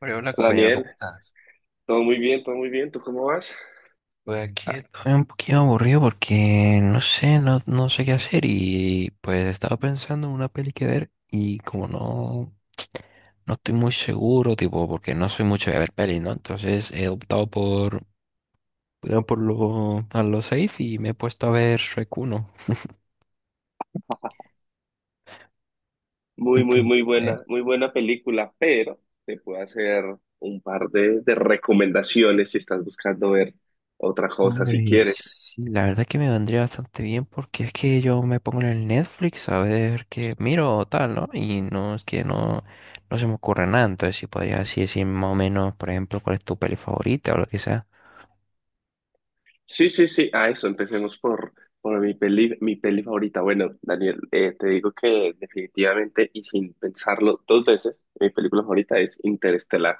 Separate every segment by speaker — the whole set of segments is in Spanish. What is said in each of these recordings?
Speaker 1: Hola, hola, compañero,
Speaker 2: Daniel,
Speaker 1: ¿cómo estás?
Speaker 2: todo muy bien, todo muy bien. ¿Tú cómo vas?
Speaker 1: Pues aquí. Estoy un poquito aburrido porque no sé, no sé qué hacer y pues estaba pensando en una peli que ver y como no, no estoy muy seguro, tipo, porque no soy mucho de ver pelis, ¿no? Entonces he optado por lo, a lo safe y me he puesto a ver Shrek uno.
Speaker 2: Muy, muy,
Speaker 1: Entonces,
Speaker 2: muy buena película, pero te puedo hacer un par de recomendaciones si estás buscando ver otra cosa, si
Speaker 1: hombre,
Speaker 2: quieres.
Speaker 1: sí, la verdad que me vendría bastante bien porque es que yo me pongo en el Netflix a ver qué miro o tal, ¿no? Y no es que no, no se me ocurre nada, entonces si podría así decir más o menos, por ejemplo, cuál es tu peli favorita o lo que sea.
Speaker 2: Sí, sí, sí, a eso, empecemos por mi peli favorita. Bueno, Daniel, te digo que definitivamente y sin pensarlo dos veces, mi película favorita es Interestelar.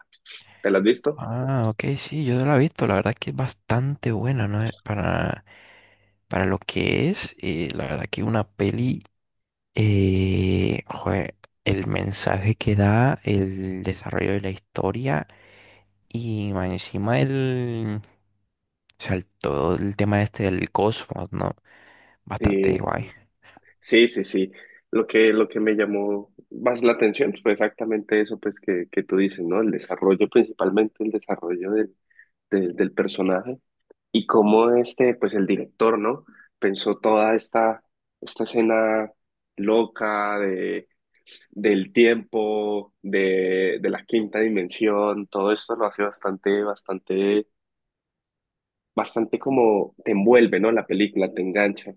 Speaker 2: ¿Te la has visto?
Speaker 1: Ah, ok, sí, yo la he visto, la verdad que es bastante buena, ¿no? Para lo que es, la verdad que una peli. Eh, jue- el mensaje que da, el desarrollo de la historia y más encima el, o sea, todo el tema este del cosmos, ¿no? Bastante
Speaker 2: Sí.
Speaker 1: guay.
Speaker 2: Sí, sí, sí. Lo que me llamó más la atención pues, fue exactamente eso pues, que tú dices, ¿no? El desarrollo, principalmente el desarrollo del personaje y cómo este, pues el director, ¿no? Pensó esta escena loca del tiempo, de la quinta dimensión, todo esto lo hace bastante como te envuelve, ¿no? La película te engancha.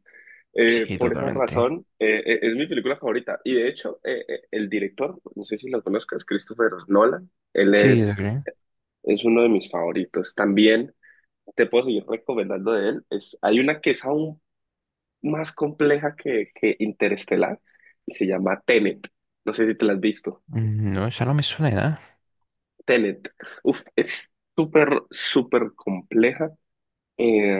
Speaker 1: Sí,
Speaker 2: Por esa
Speaker 1: totalmente.
Speaker 2: razón, es mi película favorita. Y de hecho, el director, no sé si lo conozcas, Christopher Nolan,
Speaker 1: Sí, lo creo.
Speaker 2: es uno de mis favoritos. También te puedo seguir recomendando de él. Es, hay una que es aún más compleja que Interestelar y se llama Tenet. No sé si te la has visto.
Speaker 1: Mm, no, esa no me suena de nada.
Speaker 2: Tenet. Uf, es súper compleja. Eh,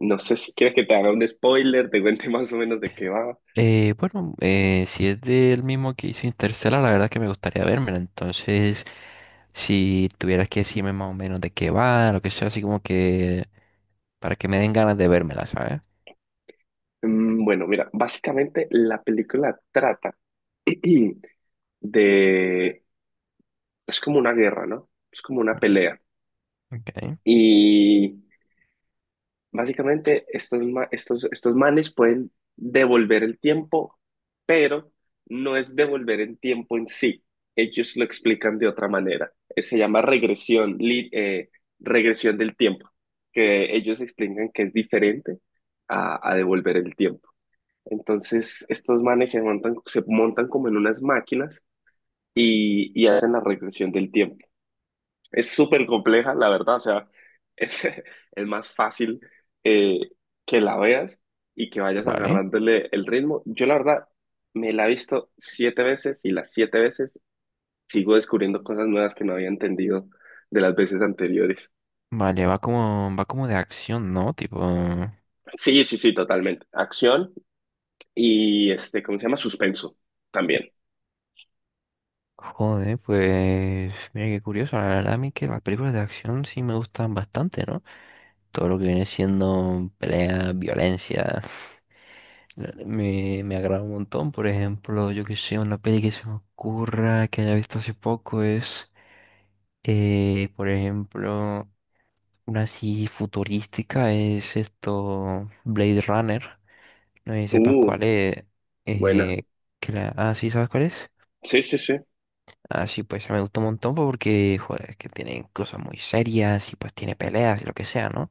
Speaker 2: no sé si quieres que te haga un spoiler, te cuente más o menos de qué va.
Speaker 1: Bueno, si es del mismo que hizo Interstellar, la verdad que me gustaría vérmela. Entonces, si tuvieras que decirme más o menos de qué va, lo que sea, así como que para que me den ganas de vérmela, ¿sabes?
Speaker 2: Bueno, mira, básicamente la película trata de... Es como una guerra, ¿no? Es como una pelea.
Speaker 1: Ok.
Speaker 2: Y básicamente estos, estos manes pueden devolver el tiempo, pero no es devolver el tiempo en sí. Ellos lo explican de otra manera. Se llama regresión del tiempo, que ellos explican que es diferente a devolver el tiempo. Entonces, estos manes se montan como en unas máquinas y hacen la regresión del tiempo. Es súper compleja, la verdad, o sea, es, es más fácil eh, que la veas y que vayas
Speaker 1: Vale,
Speaker 2: agarrándole el ritmo. Yo, la verdad, me la he visto siete veces y las siete veces sigo descubriendo cosas nuevas que no había entendido de las veces anteriores.
Speaker 1: vale, va como de acción, ¿no? Tipo,
Speaker 2: Sí, sí, sí, totalmente. Acción y, este, ¿cómo se llama? Suspenso también.
Speaker 1: joder, pues mira qué curioso, la verdad a mí que las películas de acción sí me gustan bastante, ¿no? Todo lo que viene siendo pelea, violencia, me, me agrada un montón, por ejemplo, yo que sé, una peli que se me ocurra, que haya visto hace poco es, por ejemplo, una así futurística es esto, Blade Runner. No sé si sepas
Speaker 2: Uh,
Speaker 1: cuál es.
Speaker 2: buena.
Speaker 1: eh, que la... Ah, sí, ¿sabes cuál es?
Speaker 2: Sí, sí, sí.
Speaker 1: Ah, sí, pues me gustó un montón porque, joder, es que tienen cosas muy serias y pues tiene peleas y lo que sea, ¿no?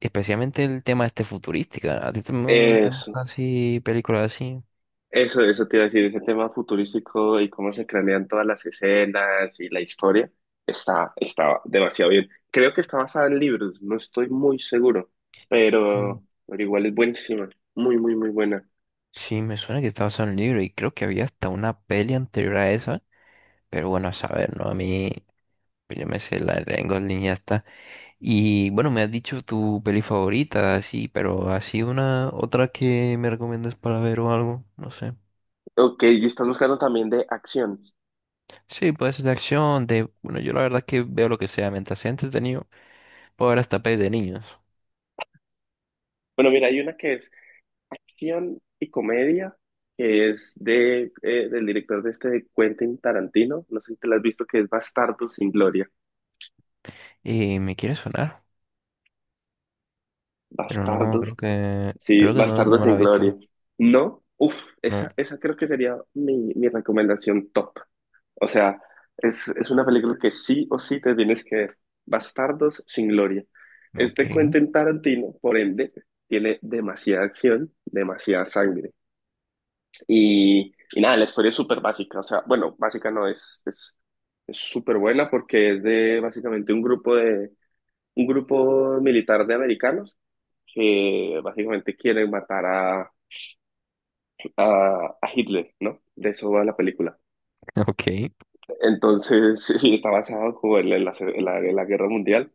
Speaker 1: Especialmente el tema este futurística. ¿A ti también te
Speaker 2: Eso,
Speaker 1: gustan así películas así?
Speaker 2: Eso te iba a decir, ese tema futurístico y cómo se cranean todas las escenas y la historia, está demasiado bien. Creo que está basada en libros, no estoy muy seguro,
Speaker 1: Mm.
Speaker 2: pero igual es buenísima, muy buena.
Speaker 1: Sí, me suena que estaba basado en un libro y creo que había hasta una peli anterior a esa. Pero bueno, a saber, ¿no? A mí, yo me sé la de Ryan Gosling y ya está. Y bueno, me has dicho tu peli favorita, sí, pero así una otra que me recomiendas para ver o algo, no sé.
Speaker 2: Ok, y estás buscando también de acción.
Speaker 1: Sí, puede ser de acción, de, bueno, yo la verdad es que veo lo que sea, mientras sea entretenido, puedo ver hasta pelis de niños.
Speaker 2: Bueno, mira, hay una que es acción y comedia, que es de, del director de este Quentin Tarantino, no sé si te la has visto, que es Bastardos sin Gloria.
Speaker 1: Y me quiere sonar, pero no,
Speaker 2: Bastardos. Sí,
Speaker 1: creo que no,
Speaker 2: Bastardo
Speaker 1: no me la
Speaker 2: sin
Speaker 1: he
Speaker 2: Gloria.
Speaker 1: visto.
Speaker 2: No, uff,
Speaker 1: No.
Speaker 2: esa creo que sería mi recomendación top. O sea, es una película que sí o sí te tienes que ver. Bastardos sin Gloria. Es
Speaker 1: Ok,
Speaker 2: de Quentin Tarantino, por ende, tiene demasiada acción, demasiada sangre. Y nada, la historia es súper básica. O sea, bueno, básica no es, es súper buena porque es de básicamente un grupo militar de americanos que básicamente quieren matar a Hitler, ¿no? De eso va la película.
Speaker 1: ok,
Speaker 2: Entonces, sí, está basado como en la Guerra Mundial.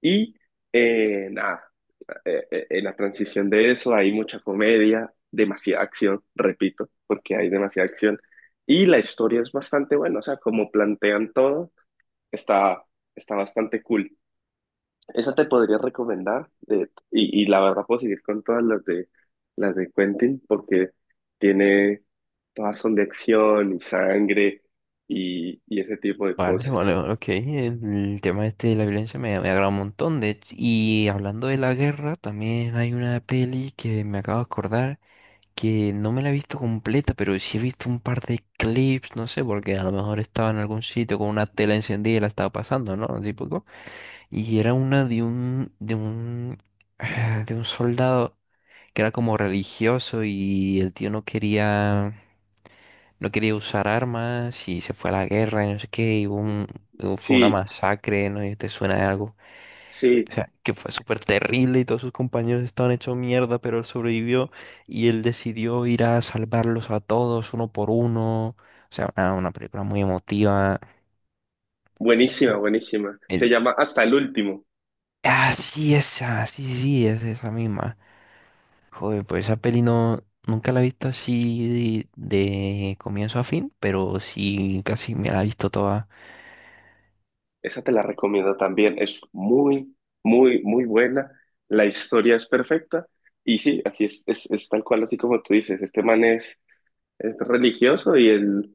Speaker 2: Y nada, en la transición de eso hay mucha comedia, demasiada acción, repito, porque hay demasiada acción. Y la historia es bastante buena, o sea, como plantean todo, está, está bastante cool. Esa te podría recomendar de- y la verdad puedo seguir con todas las de Quentin porque tiene todas son de acción y sangre y ese tipo de
Speaker 1: vale,
Speaker 2: cosas.
Speaker 1: vale, vale, ok. El, tema este de la violencia me, me agrada un montón. De hecho, y hablando de la guerra, también hay una peli que me acabo de acordar que no me la he visto completa, pero sí he visto un par de clips, no sé, porque a lo mejor estaba en algún sitio con una tela encendida y la estaba pasando, ¿no? Típico. Y era una de un, de un soldado que era como religioso y el tío no quería, no quería usar armas y se fue a la guerra y no sé qué, y fue una
Speaker 2: Sí,
Speaker 1: masacre, ¿no? ¿Y te suena de algo?
Speaker 2: sí,
Speaker 1: sea, que fue súper terrible y todos sus compañeros estaban hechos mierda, pero él sobrevivió y él decidió ir a salvarlos a todos uno por uno. O sea, una película muy emotiva.
Speaker 2: buenísima, buenísima. Se
Speaker 1: El,
Speaker 2: llama Hasta el Último.
Speaker 1: ah, sí, esa, sí, sí, sí, es esa misma. Joder, pues esa peli no, nunca la he visto así de comienzo a fin, pero sí, casi me la he visto toda.
Speaker 2: Esa te la recomiendo también. Es muy, muy buena. La historia es perfecta y sí, así es, es tal cual así como tú dices. Este man es religioso y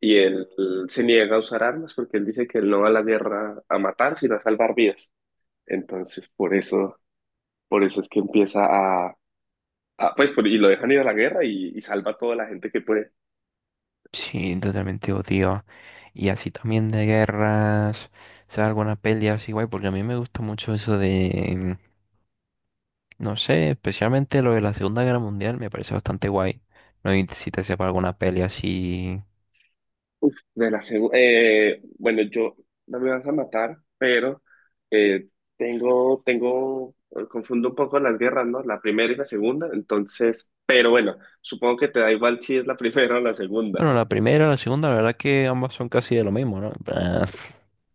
Speaker 2: y él se niega a usar armas porque él dice que él no va a la guerra a matar, sino a salvar vidas. Entonces, por eso es que empieza y lo dejan ir a la guerra y salva a toda la gente que puede.
Speaker 1: Sí, totalmente odio. Y así también de guerras, o sea, alguna peli así guay, porque a mí me gusta mucho eso de. No sé, especialmente lo de la Segunda Guerra Mundial me parece bastante guay. No sé si te sepa alguna peli así.
Speaker 2: Uf, de la bueno, yo no me vas a matar, pero eh, tengo, confundo un poco las guerras, ¿no? La primera y la segunda, entonces, pero bueno, supongo que te da igual si es la primera o la segunda.
Speaker 1: Bueno, la primera, la segunda, la verdad que ambas son casi de lo mismo, ¿no? En plan,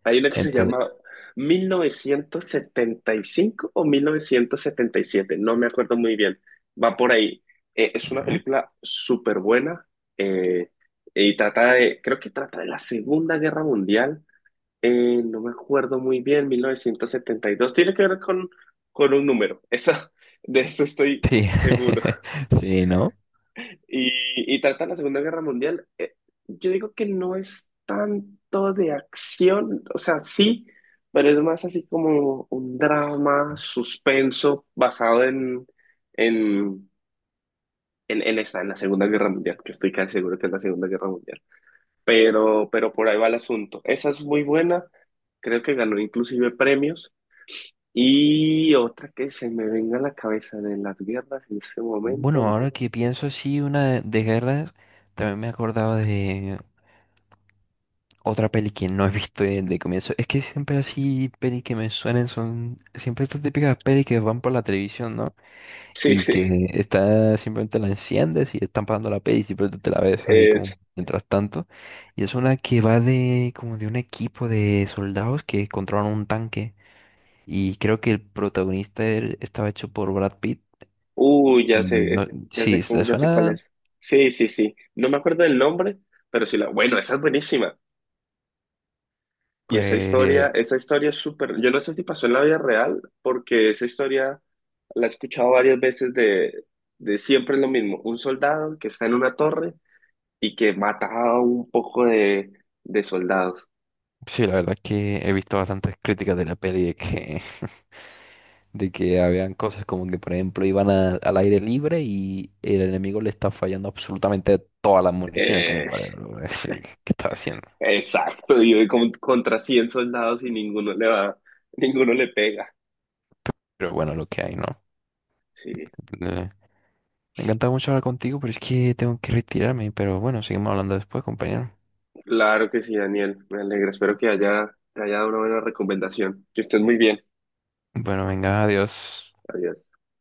Speaker 2: Hay una que se
Speaker 1: entonces,
Speaker 2: llama 1975 o 1977, no me acuerdo muy bien. Va por ahí. Es una
Speaker 1: vale.
Speaker 2: película súper buena eh, y trata de, creo que trata de la Segunda Guerra Mundial. No me acuerdo muy bien, 1972. Tiene que ver con un número. Eso de eso estoy
Speaker 1: Sí,
Speaker 2: seguro.
Speaker 1: sí, ¿no?
Speaker 2: Y trata la Segunda Guerra Mundial. Yo digo que no es tanto de acción, o sea, sí, pero es más así como un drama, suspenso, basado en, en esa, en la Segunda Guerra Mundial, que estoy casi seguro que es la Segunda Guerra Mundial. Pero por ahí va el asunto. Esa es muy buena, creo que ganó inclusive premios. Y otra que se me venga a la cabeza de las guerras en este momento,
Speaker 1: Bueno,
Speaker 2: no.
Speaker 1: ahora que pienso así, una de guerras, también me acordaba de otra peli que no he visto de, comienzo. Es que siempre así, peli que me suenen son siempre estas típicas pelis que van por la televisión, ¿no?
Speaker 2: Sí,
Speaker 1: Y
Speaker 2: sí,
Speaker 1: que está simplemente la enciendes y están pasando la peli y simplemente te la ves ahí como mientras tanto. Y es una que va de como de un equipo de soldados que controlan un tanque y creo que el protagonista estaba hecho por Brad Pitt
Speaker 2: uy, ya
Speaker 1: y no,
Speaker 2: sé,
Speaker 1: sí, le
Speaker 2: ya sé cuál
Speaker 1: suena
Speaker 2: es. Sí, sí, sí. No me acuerdo del nombre, pero sí la. Bueno, esa es buenísima. Y
Speaker 1: pues.
Speaker 2: esa historia es súper. Yo no sé si pasó en la vida real, porque esa historia la he escuchado varias veces de siempre es lo mismo. Un soldado que está en una torre y que mata a un poco de soldados.
Speaker 1: Sí, la verdad es que he visto bastantes críticas de la peli de que, de que habían cosas como que, por ejemplo, iban al aire libre y el enemigo le está fallando absolutamente todas las municiones, como
Speaker 2: Eh,
Speaker 1: para qué está haciendo.
Speaker 2: exacto. Y hoy contra 100 soldados y ninguno le va, ninguno le pega.
Speaker 1: Pero bueno, lo que hay, ¿no?
Speaker 2: Sí.
Speaker 1: Eh, Me encanta mucho hablar contigo, pero es que tengo que retirarme. Pero bueno, seguimos hablando después, compañero.
Speaker 2: Claro que sí, Daniel. Me alegra. Espero que haya, te haya dado una buena recomendación. Que estés muy bien.
Speaker 1: Bueno, venga, adiós.
Speaker 2: Adiós.